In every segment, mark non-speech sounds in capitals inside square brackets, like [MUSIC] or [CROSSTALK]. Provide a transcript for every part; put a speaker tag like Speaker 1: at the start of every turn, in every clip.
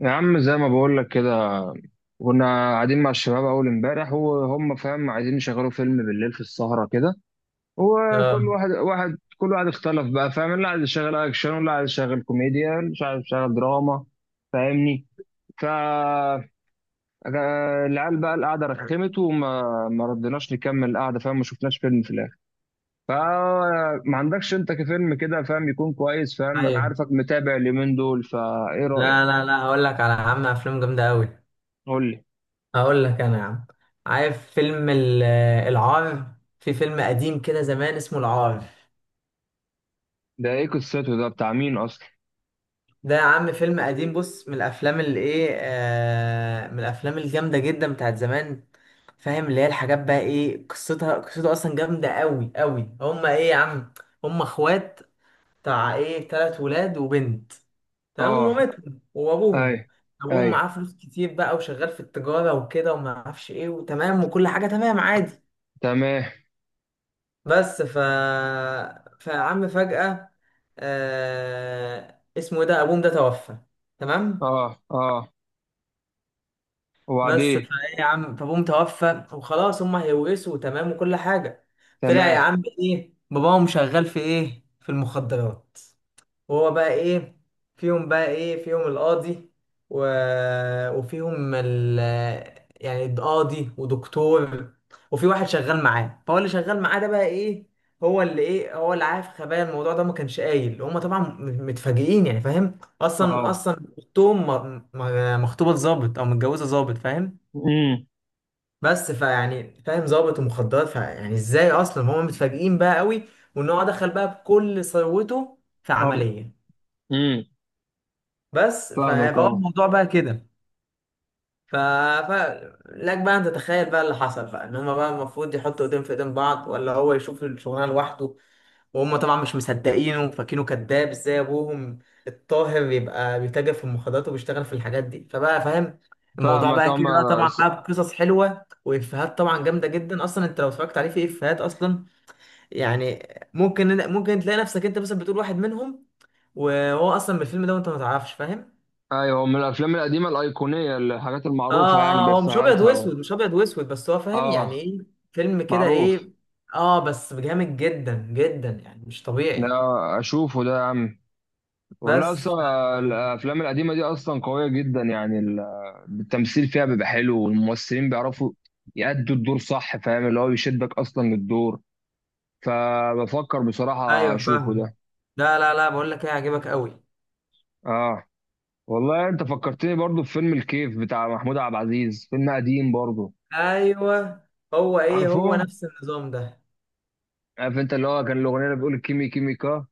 Speaker 1: يا عم زي ما بقول لك كده، كنا قاعدين مع الشباب اول امبارح وهم فاهم عايزين يشغلوا فيلم بالليل في السهرة كده. وكل
Speaker 2: اه،
Speaker 1: واحد واحد كل واحد اختلف بقى فاهم، اللي عايز يشغل اكشن واللي عايز يشغل كوميديا اللي مش عايز يشغل دراما فاهمني. ف آه، العيال بقى القعدة رخمت وما ما ردناش نكمل القعدة فاهم، ما شفناش فيلم في الاخر. فما عندكش انت كفيلم كده فاهم يكون كويس، فاهم انا
Speaker 2: ايوه.
Speaker 1: عارفك متابع اليومين دول، فايه
Speaker 2: لا
Speaker 1: رأيك؟
Speaker 2: لا لا هقول لك على عم افلام جامده قوي.
Speaker 1: قول لي،
Speaker 2: هقول لك انا يا عم، عارف فيلم العار؟ في فيلم قديم كده زمان اسمه العار.
Speaker 1: ده ايه قصته؟ ده بتاع مين اصلا؟
Speaker 2: ده يا عم فيلم قديم، بص، من الافلام اللي ايه آه من الافلام الجامده جدا بتاعت زمان، فاهم؟ اللي هي الحاجات بقى، ايه قصتها؟ قصته اصلا جامده قوي قوي. هما ايه يا عم، هما اخوات، بتاع ايه، تلات ولاد وبنت، تمام؟
Speaker 1: اه،
Speaker 2: ومامتهم
Speaker 1: اي،
Speaker 2: وابوهم. ابوهم
Speaker 1: اي،
Speaker 2: معاه فلوس كتير بقى وشغال في التجاره وكده وما اعرفش ايه، وتمام وكل حاجه تمام عادي.
Speaker 1: تمام.
Speaker 2: بس ف فعم فجاه، اسمه إيه ده، ابوهم ده توفى، تمام؟
Speaker 1: اه اه،
Speaker 2: بس
Speaker 1: وبعدين؟
Speaker 2: فايه يا عم، فابوهم توفى وخلاص، هم هيورثوا تمام وكل حاجه. طلع يا
Speaker 1: تمام.
Speaker 2: عم ايه، باباهم شغال في ايه، في المخدرات. وهو بقى ايه، فيهم بقى ايه، فيهم القاضي و... وفيهم ال... يعني القاضي ودكتور، وفي واحد شغال معاه، فهو اللي شغال معاه ده بقى ايه، هو اللي ايه، هو اللي عارف خبايا الموضوع ده، ما كانش قايل. هما طبعا متفاجئين يعني، فاهم؟ اصلا
Speaker 1: اه.
Speaker 2: اصلا اختهم مخطوبه ظابط او متجوزه ظابط، فاهم؟
Speaker 1: امم.
Speaker 2: بس فيعني فاهم، ظابط ومخدرات، فيعني ازاي، اصلا هما متفاجئين بقى قوي، وان هو دخل بقى بكل ثروته في
Speaker 1: أر-.
Speaker 2: عمليه.
Speaker 1: امم.
Speaker 2: بس
Speaker 1: فاهمك
Speaker 2: فهو
Speaker 1: اه.
Speaker 2: الموضوع بقى كده. ف... ف... لك بقى انت تتخيل بقى اللي حصل، بقى ان هما بقى المفروض يحطوا ايدين في ايدين بعض، ولا هو يشوف الشغلانه لوحده، وهم طبعا مش مصدقينه وفاكينه كذاب، ازاي ابوهم الطاهر يبقى بيتاجر في المخدرات وبيشتغل في الحاجات دي، فبقى فاهم الموضوع
Speaker 1: فاهمك
Speaker 2: بقى
Speaker 1: اه.
Speaker 2: كده بقى.
Speaker 1: ما-
Speaker 2: طبعا
Speaker 1: س-.
Speaker 2: بقى بقصص حلوه وافيهات طبعا جامده جدا، اصلا انت لو اتفرجت عليه، في افيهات اصلا يعني ممكن، ممكن تلاقي نفسك انت مثلا بتقول واحد منهم، وهو اصلا بالفيلم ده وانت ما تعرفش، فاهم؟
Speaker 1: ايوه، من الافلام القديمه الايقونيه الحاجات
Speaker 2: اه،
Speaker 1: المعروفه يعني
Speaker 2: اه، هو مش ابيض
Speaker 1: بإفيهاتها
Speaker 2: واسود، مش ابيض واسود، بس هو فاهم يعني
Speaker 1: اه.
Speaker 2: ايه، فيلم كده
Speaker 1: معروف.
Speaker 2: ايه. اه بس جامد جدا جدا يعني مش
Speaker 1: ده
Speaker 2: طبيعي.
Speaker 1: اشوفه ده يا عم، والله
Speaker 2: بس ف...
Speaker 1: اصلا الافلام القديمه دي اصلا قويه جدا. يعني التمثيل فيها بيبقى حلو، والممثلين بيعرفوا يأدوا الدور صح فاهم، اللي هو بيشدك اصلا للدور. فبفكر بصراحة
Speaker 2: ايوه
Speaker 1: اشوفه ده.
Speaker 2: فاهم. لا لا لا، بقول لك ايه، هيعجبك قوي.
Speaker 1: اه، والله انت فكرتني برضو في فيلم الكيف بتاع محمود عبد العزيز، فيلم قديم برضو.
Speaker 2: ايوه، هو ايه، هو
Speaker 1: عارفه،
Speaker 2: نفس النظام ده.
Speaker 1: عارف انت اللي هو كان الاغنية اللي بتقول كيمي كيمي كا،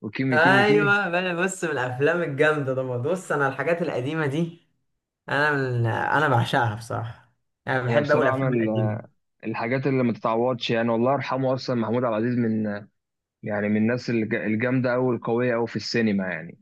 Speaker 1: وكيمي كيمي كي.
Speaker 2: ايوه بقى، بص، من الافلام الجامده ده. بص انا الحاجات القديمه دي، انا بعشقها بصراحه، يعني
Speaker 1: هي
Speaker 2: بحب قوي
Speaker 1: بصراحة من
Speaker 2: الافلام القديمه.
Speaker 1: ال- الحاجات اللي ما تتعوضش، يعني والله يرحمه اصلا محمود عبد العزيز من، يعني من الناس الجامدة قوي، القوية قوي في السينما يعني.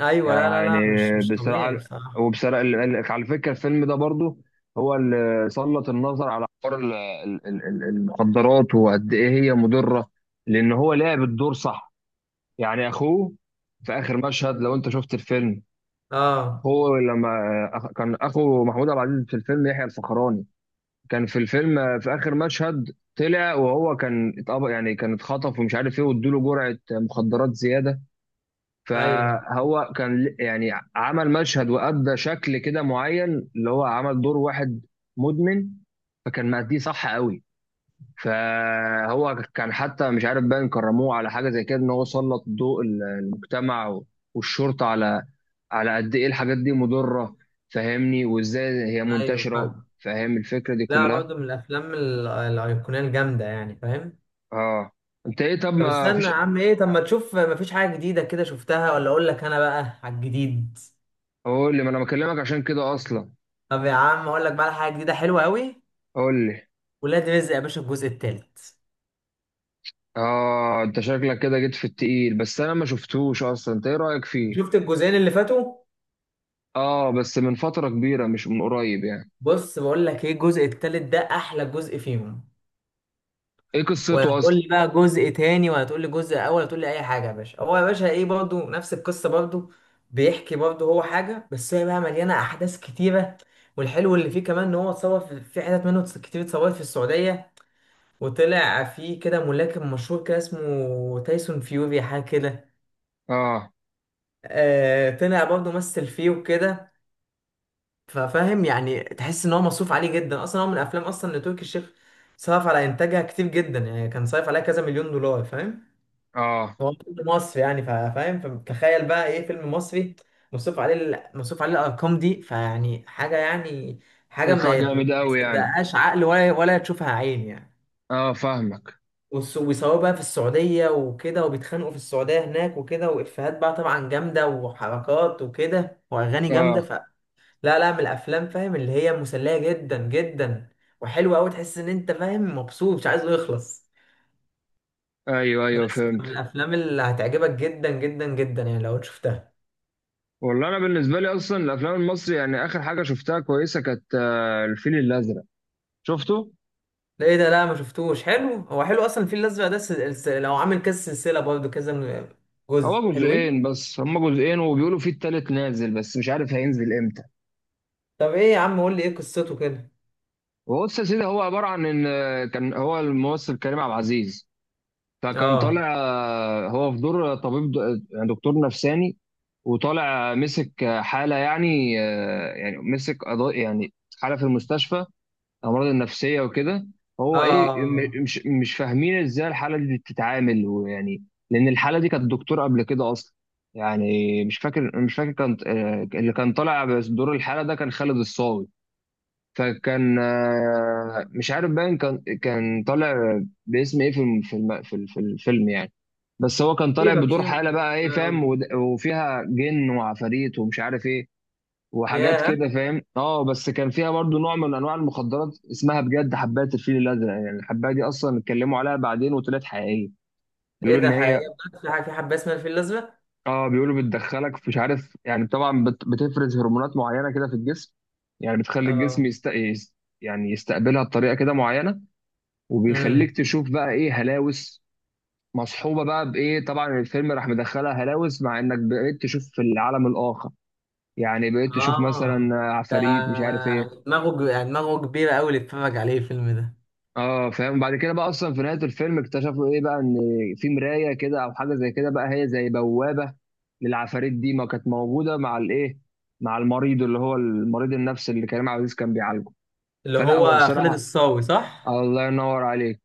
Speaker 2: ايوه، لا لا
Speaker 1: يعني
Speaker 2: لا مش مش
Speaker 1: بصراحة،
Speaker 2: طبيعي بصراحه.
Speaker 1: وبصراحة على فكرة الفيلم ده برضو هو اللي سلط النظر على حوار المخدرات، وقد ايه هي مضرة. لان هو لعب الدور صح، يعني اخوه في اخر مشهد لو انت شفت الفيلم.
Speaker 2: اه،
Speaker 1: هو لما كان اخو محمود عبد العزيز في الفيلم يحيى الفخراني، كان في الفيلم في اخر مشهد طلع وهو كان اتقبض، يعني كان اتخطف ومش عارف ايه، وادوا له جرعة مخدرات زيادة.
Speaker 2: ايوه
Speaker 1: فهو كان يعني عمل مشهد وأدى شكل كده معين، اللي هو عمل دور واحد مدمن، فكان مأديه صح قوي. فهو كان حتى مش عارف باين كرموه على حاجة زي كده، ان هو سلط ضوء المجتمع والشرطة على على قد ايه الحاجات دي مضرة فاهمني، وازاي هي
Speaker 2: ايوه
Speaker 1: منتشرة.
Speaker 2: فاهم.
Speaker 1: فاهم الفكرة دي
Speaker 2: لا
Speaker 1: كلها.
Speaker 2: برضه من الافلام الايقونيه الجامده يعني، فاهم؟
Speaker 1: اه، انت ايه؟ طب
Speaker 2: طب
Speaker 1: ما
Speaker 2: استنى
Speaker 1: فيش؟
Speaker 2: يا عم، ايه، طب ما تشوف مفيش حاجه جديده كده شفتها، ولا اقول لك انا بقى على الجديد؟
Speaker 1: قول لي، ما انا بكلمك عشان كده اصلا.
Speaker 2: طب يا عم اقول لك بقى على حاجه جديده حلوه قوي:
Speaker 1: قول لي.
Speaker 2: ولاد رزق يا باشا الجزء الثالث.
Speaker 1: اه، انت شكلك كده جيت في التقيل، بس انا ما شفتوش اصلا، انت ايه رايك فيه؟
Speaker 2: شفت الجزئين اللي فاتوا؟
Speaker 1: اه، بس من فتره كبيره مش من قريب يعني.
Speaker 2: بص بقول لك ايه، الجزء الثالث ده احلى جزء فيهم.
Speaker 1: ايه قصته
Speaker 2: وهتقول
Speaker 1: اصلا؟
Speaker 2: لي بقى جزء تاني، وهتقول لي جزء اول، هتقول لي اي حاجه يا باشا. هو يا باشا ايه، برضو نفس القصه برضو، بيحكي برضو هو حاجه، بس هي بقى مليانه احداث كتيره. والحلو اللي فيه كمان ان هو اتصور في، في حتت منه كتير اتصورت في السعوديه، وطلع فيه كده ملاكم مشهور كده اسمه تايسون فيوري حاجه كده،
Speaker 1: اه.
Speaker 2: آه، طلع برضو مثل فيه وكده. ففاهم يعني، تحس ان هو مصروف عليه جدا. اصلا هو من الافلام اصلا اللي تركي الشيخ صرف على انتاجها كتير جدا يعني، كان صرف عليها كذا مليون دولار، فاهم؟
Speaker 1: اه.
Speaker 2: هو فيلم مصري يعني، فاهم؟ فتخيل بقى ايه، فيلم مصري مصروف عليه مصروف عليه الارقام دي، فيعني حاجه يعني، حاجه
Speaker 1: يطلع
Speaker 2: ما
Speaker 1: جامد قوي يعني.
Speaker 2: يصدقهاش عقل ولا تشوفها عين يعني.
Speaker 1: اه فاهمك.
Speaker 2: ويصوروا بقى في السعوديه وكده، وبيتخانقوا في السعوديه هناك وكده، وافيهات بقى طبعا جامده وحركات وكده واغاني جامده.
Speaker 1: اه.
Speaker 2: ف لا لا، من الافلام فاهم اللي هي مسليه جدا جدا وحلوه قوي، تحس ان انت فاهم مبسوط مش عايزه يخلص.
Speaker 1: ايوه ايوه
Speaker 2: بس
Speaker 1: فهمت.
Speaker 2: من الافلام اللي هتعجبك جدا جدا جدا يعني لو شفتها.
Speaker 1: والله انا بالنسبه لي اصلا الافلام المصري، يعني اخر حاجه شفتها كويسه كانت الفيل الازرق، شفته؟
Speaker 2: ده ايه ده؟ لا ما شفتوش. حلو، هو حلو اصلا الفيل الازرق ده. لو عامل كذا سلسله، برضه كذا جزء
Speaker 1: هو
Speaker 2: حلوين.
Speaker 1: جزئين، بس هما جزئين وبيقولوا فيه التالت نازل بس مش عارف هينزل امتى.
Speaker 2: طب ايه يا عم، قول لي ايه قصته كده.
Speaker 1: وهو بص يا سيدي، هو عباره عن ان كان هو الممثل كريم عبد العزيز، فكان
Speaker 2: اه،
Speaker 1: طالع هو في دور طبيب يعني دكتور نفساني. وطالع مسك حالة يعني يعني مسك قضاء يعني، حالة في المستشفى الأمراض النفسية وكده.
Speaker 2: اه،
Speaker 1: هو إيه مش فاهمين إزاي الحالة دي بتتعامل ويعني. لأن الحالة دي كانت دكتور قبل كده أصلا، يعني مش فاكر كان اللي كان طالع، بس دور الحالة ده كان خالد الصاوي. فكان مش عارف باين كان طالع باسم ايه في الفيلم يعني. بس هو كان طالع
Speaker 2: سيبك
Speaker 1: بدور حاله بقى ايه
Speaker 2: ما
Speaker 1: فاهم،
Speaker 2: اقول.
Speaker 1: وفيها جن وعفاريت ومش عارف ايه وحاجات
Speaker 2: يا،
Speaker 1: كده فاهم. اه، بس كان فيها برضو نوع من انواع المخدرات اسمها بجد حبات الفيل الازرق، يعني الحبايه دي اصلا اتكلموا عليها بعدين وطلعت حقيقيه.
Speaker 2: ايه
Speaker 1: بيقولوا
Speaker 2: ده،
Speaker 1: ان هي،
Speaker 2: حقيقة بقى؟ في حاجه، في حبه اسمها الفيل الازرق؟
Speaker 1: اه، بيقولوا بتدخلك مش عارف يعني، طبعا بتفرز هرمونات معينه كده في الجسم، يعني بتخلي الجسم
Speaker 2: اه،
Speaker 1: يعني يستقبلها بطريقه كده معينه،
Speaker 2: امم،
Speaker 1: وبيخليك تشوف بقى ايه هلاوس. مصحوبه بقى بايه، طبعا الفيلم راح مدخلها هلاوس مع انك بقيت تشوف في العالم الاخر، يعني بقيت تشوف مثلا
Speaker 2: اه، ده
Speaker 1: عفاريت مش عارف ايه.
Speaker 2: يعني دماغه يعني دماغه كبيره قوي اللي اتفرج عليه الفيلم ده.
Speaker 1: اه فاهم. بعد كده بقى اصلا في نهايه الفيلم اكتشفوا ايه بقى، ان في مرايه كده او حاجه زي كده، بقى هي زي بوابه للعفاريت دي، ما كانت موجوده مع الايه، مع المريض اللي هو المريض النفسي اللي كريم عبد العزيز كان بيعالجه.
Speaker 2: اللي
Speaker 1: فلا هو
Speaker 2: هو خالد
Speaker 1: بصراحه،
Speaker 2: الصاوي، صح؟
Speaker 1: الله ينور عليك.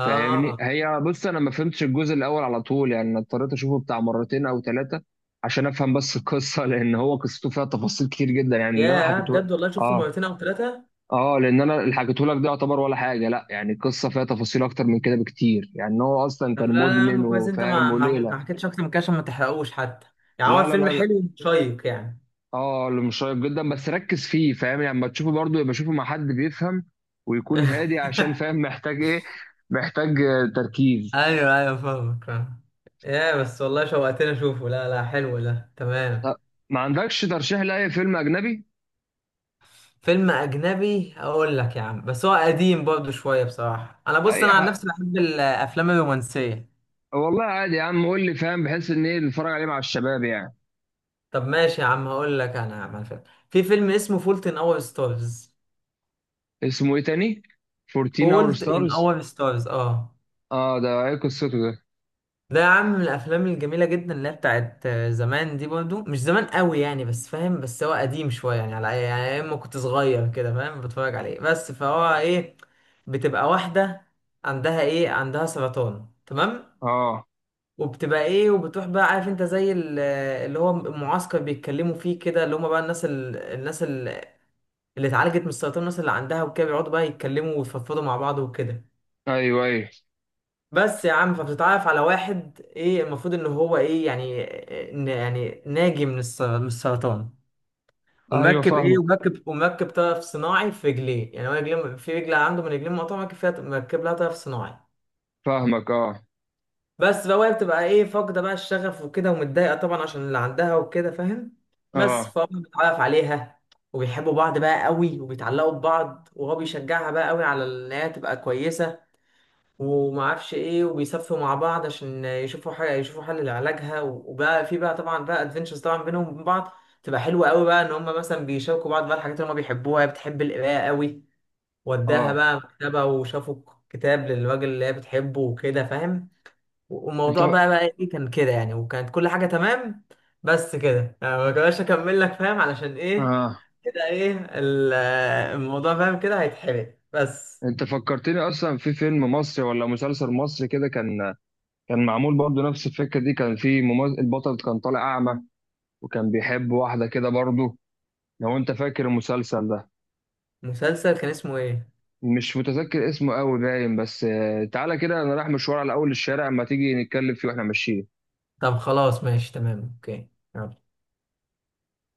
Speaker 1: فاهمني، هي بص انا ما فهمتش الجزء الاول على طول يعني، أنا اضطريت اشوفه بتاع مرتين او ثلاثه عشان افهم بس القصه، لان هو قصته فيها تفاصيل كتير جدا يعني، اللي انا
Speaker 2: يا
Speaker 1: حكيته.
Speaker 2: بجد، والله شفته
Speaker 1: اه
Speaker 2: مرتين او ثلاثه؟
Speaker 1: اه، لان انا اللي حكيته لك ده يعتبر ولا حاجه، لا يعني القصه فيها تفاصيل اكتر من كده بكتير يعني، هو اصلا
Speaker 2: طب
Speaker 1: كان
Speaker 2: لا لا يا
Speaker 1: مدمن
Speaker 2: عم كويس انت
Speaker 1: وفاهم
Speaker 2: ما
Speaker 1: وليله.
Speaker 2: حكيتش اكتر من كده عشان ما تحرقوش حتى، يعني هو
Speaker 1: لا لا
Speaker 2: الفيلم
Speaker 1: لا لا
Speaker 2: حلو وشيق يعني.
Speaker 1: اه، اللي مشيق جدا بس ركز فيه فاهم، يعني لما تشوفه برضه يبقى شوفه مع حد بيفهم ويكون
Speaker 2: [LAUGHS]
Speaker 1: هادي، عشان فاهم محتاج ايه، محتاج تركيز.
Speaker 2: ايوه ايوه فاهمك فاهم. يا بس والله شوقتني اشوفه. لا لا حلو ده،
Speaker 1: طب
Speaker 2: تمام.
Speaker 1: ما عندكش ترشيح لاي فيلم اجنبي؟
Speaker 2: فيلم اجنبي اقول لك يا عم، بس هو قديم برضه شويه بصراحه. انا بص،
Speaker 1: اي
Speaker 2: انا عن
Speaker 1: حق،
Speaker 2: نفسي بحب الافلام الرومانسيه.
Speaker 1: والله عادي يا عم قول لي فاهم، بحيث ان ايه نتفرج عليه مع الشباب يعني.
Speaker 2: طب ماشي يا عم، هقول لك انا يا عم على الفيلم. في فيلم اسمه فولت ان اور ستارز.
Speaker 1: اسمه ايه تاني؟ 14 اور
Speaker 2: فولت ان
Speaker 1: ستارز؟
Speaker 2: اور ستارز، اه.
Speaker 1: اه، ده ايه قصته ده؟
Speaker 2: ده يا عم من الافلام الجميله جدا، اللي هي بتاعت زمان دي، برضو مش زمان قوي يعني، بس فاهم بس هو قديم شويه يعني، على يعني اما كنت صغير كده فاهم بتفرج عليه. بس فهو ايه، بتبقى واحده عندها ايه، عندها سرطان، تمام؟
Speaker 1: اه.
Speaker 2: وبتبقى ايه، وبتروح بقى، عارف انت، زي اللي هو المعسكر بيتكلموا فيه كده، اللي هم بقى اللي اتعالجت من السرطان، الناس اللي عندها وكده، بيقعدوا بقى يتكلموا ويفضفضوا مع بعض وكده.
Speaker 1: ايوه ايوه.
Speaker 2: بس يا عم فبتتعرف على واحد، ايه المفروض ان هو ايه يعني، يعني ناجي من السرطان،
Speaker 1: ايوه
Speaker 2: ومركب ايه،
Speaker 1: فاهمك.
Speaker 2: ومركب طرف صناعي في رجليه، يعني هو رجليه، في رجل عنده من رجليه مقطوعه مركب فيها، مركب لها طرف صناعي.
Speaker 1: فاهمك اه.
Speaker 2: بس بقى، وهي بتبقى ايه فاقده بقى الشغف وكده، ومتضايقه طبعا عشان اللي عندها وكده، فاهم؟ بس
Speaker 1: اه.
Speaker 2: فهو بيتعرف عليها، وبيحبوا بعض بقى قوي وبيتعلقوا ببعض، وهو بيشجعها بقى قوي على ان هي تبقى كويسه وما اعرفش ايه، وبيسافروا مع بعض عشان يشوفوا حاجه، يشوفوا حل لعلاجها، وبقى في بقى طبعا بقى ادفنتشرز طبعا بينهم وبين بعض، تبقى حلوه قوي بقى ان هم مثلا بيشاركوا بعض بقى الحاجات اللي هم بيحبوها. هي بتحب القرايه قوي، وداها
Speaker 1: اه
Speaker 2: بقى مكتبه وشافوا كتاب للراجل اللي هي بتحبه وكده، فاهم؟
Speaker 1: انت.
Speaker 2: والموضوع بقى بقى ايه، كان كده يعني وكانت كل حاجه تمام. بس كده يعني، ما كناش اكمل لك فاهم علشان ايه،
Speaker 1: اه،
Speaker 2: كده ايه الموضوع فاهم كده هيتحرق بس.
Speaker 1: انت فكرتني اصلا في فيلم مصري ولا مسلسل مصري كده، كان كان معمول برضه نفس الفكره دي، كان في ممثل البطل كان طالع اعمى، وكان بيحب واحده كده برضه. لو انت فاكر المسلسل ده.
Speaker 2: مسلسل كان اسمه ايه؟
Speaker 1: مش متذكر اسمه قوي باين، بس تعالى كده انا رايح مشوار على اول الشارع، اما تيجي نتكلم فيه واحنا ماشيين.
Speaker 2: طب خلاص ماشي تمام، اوكي. يلا.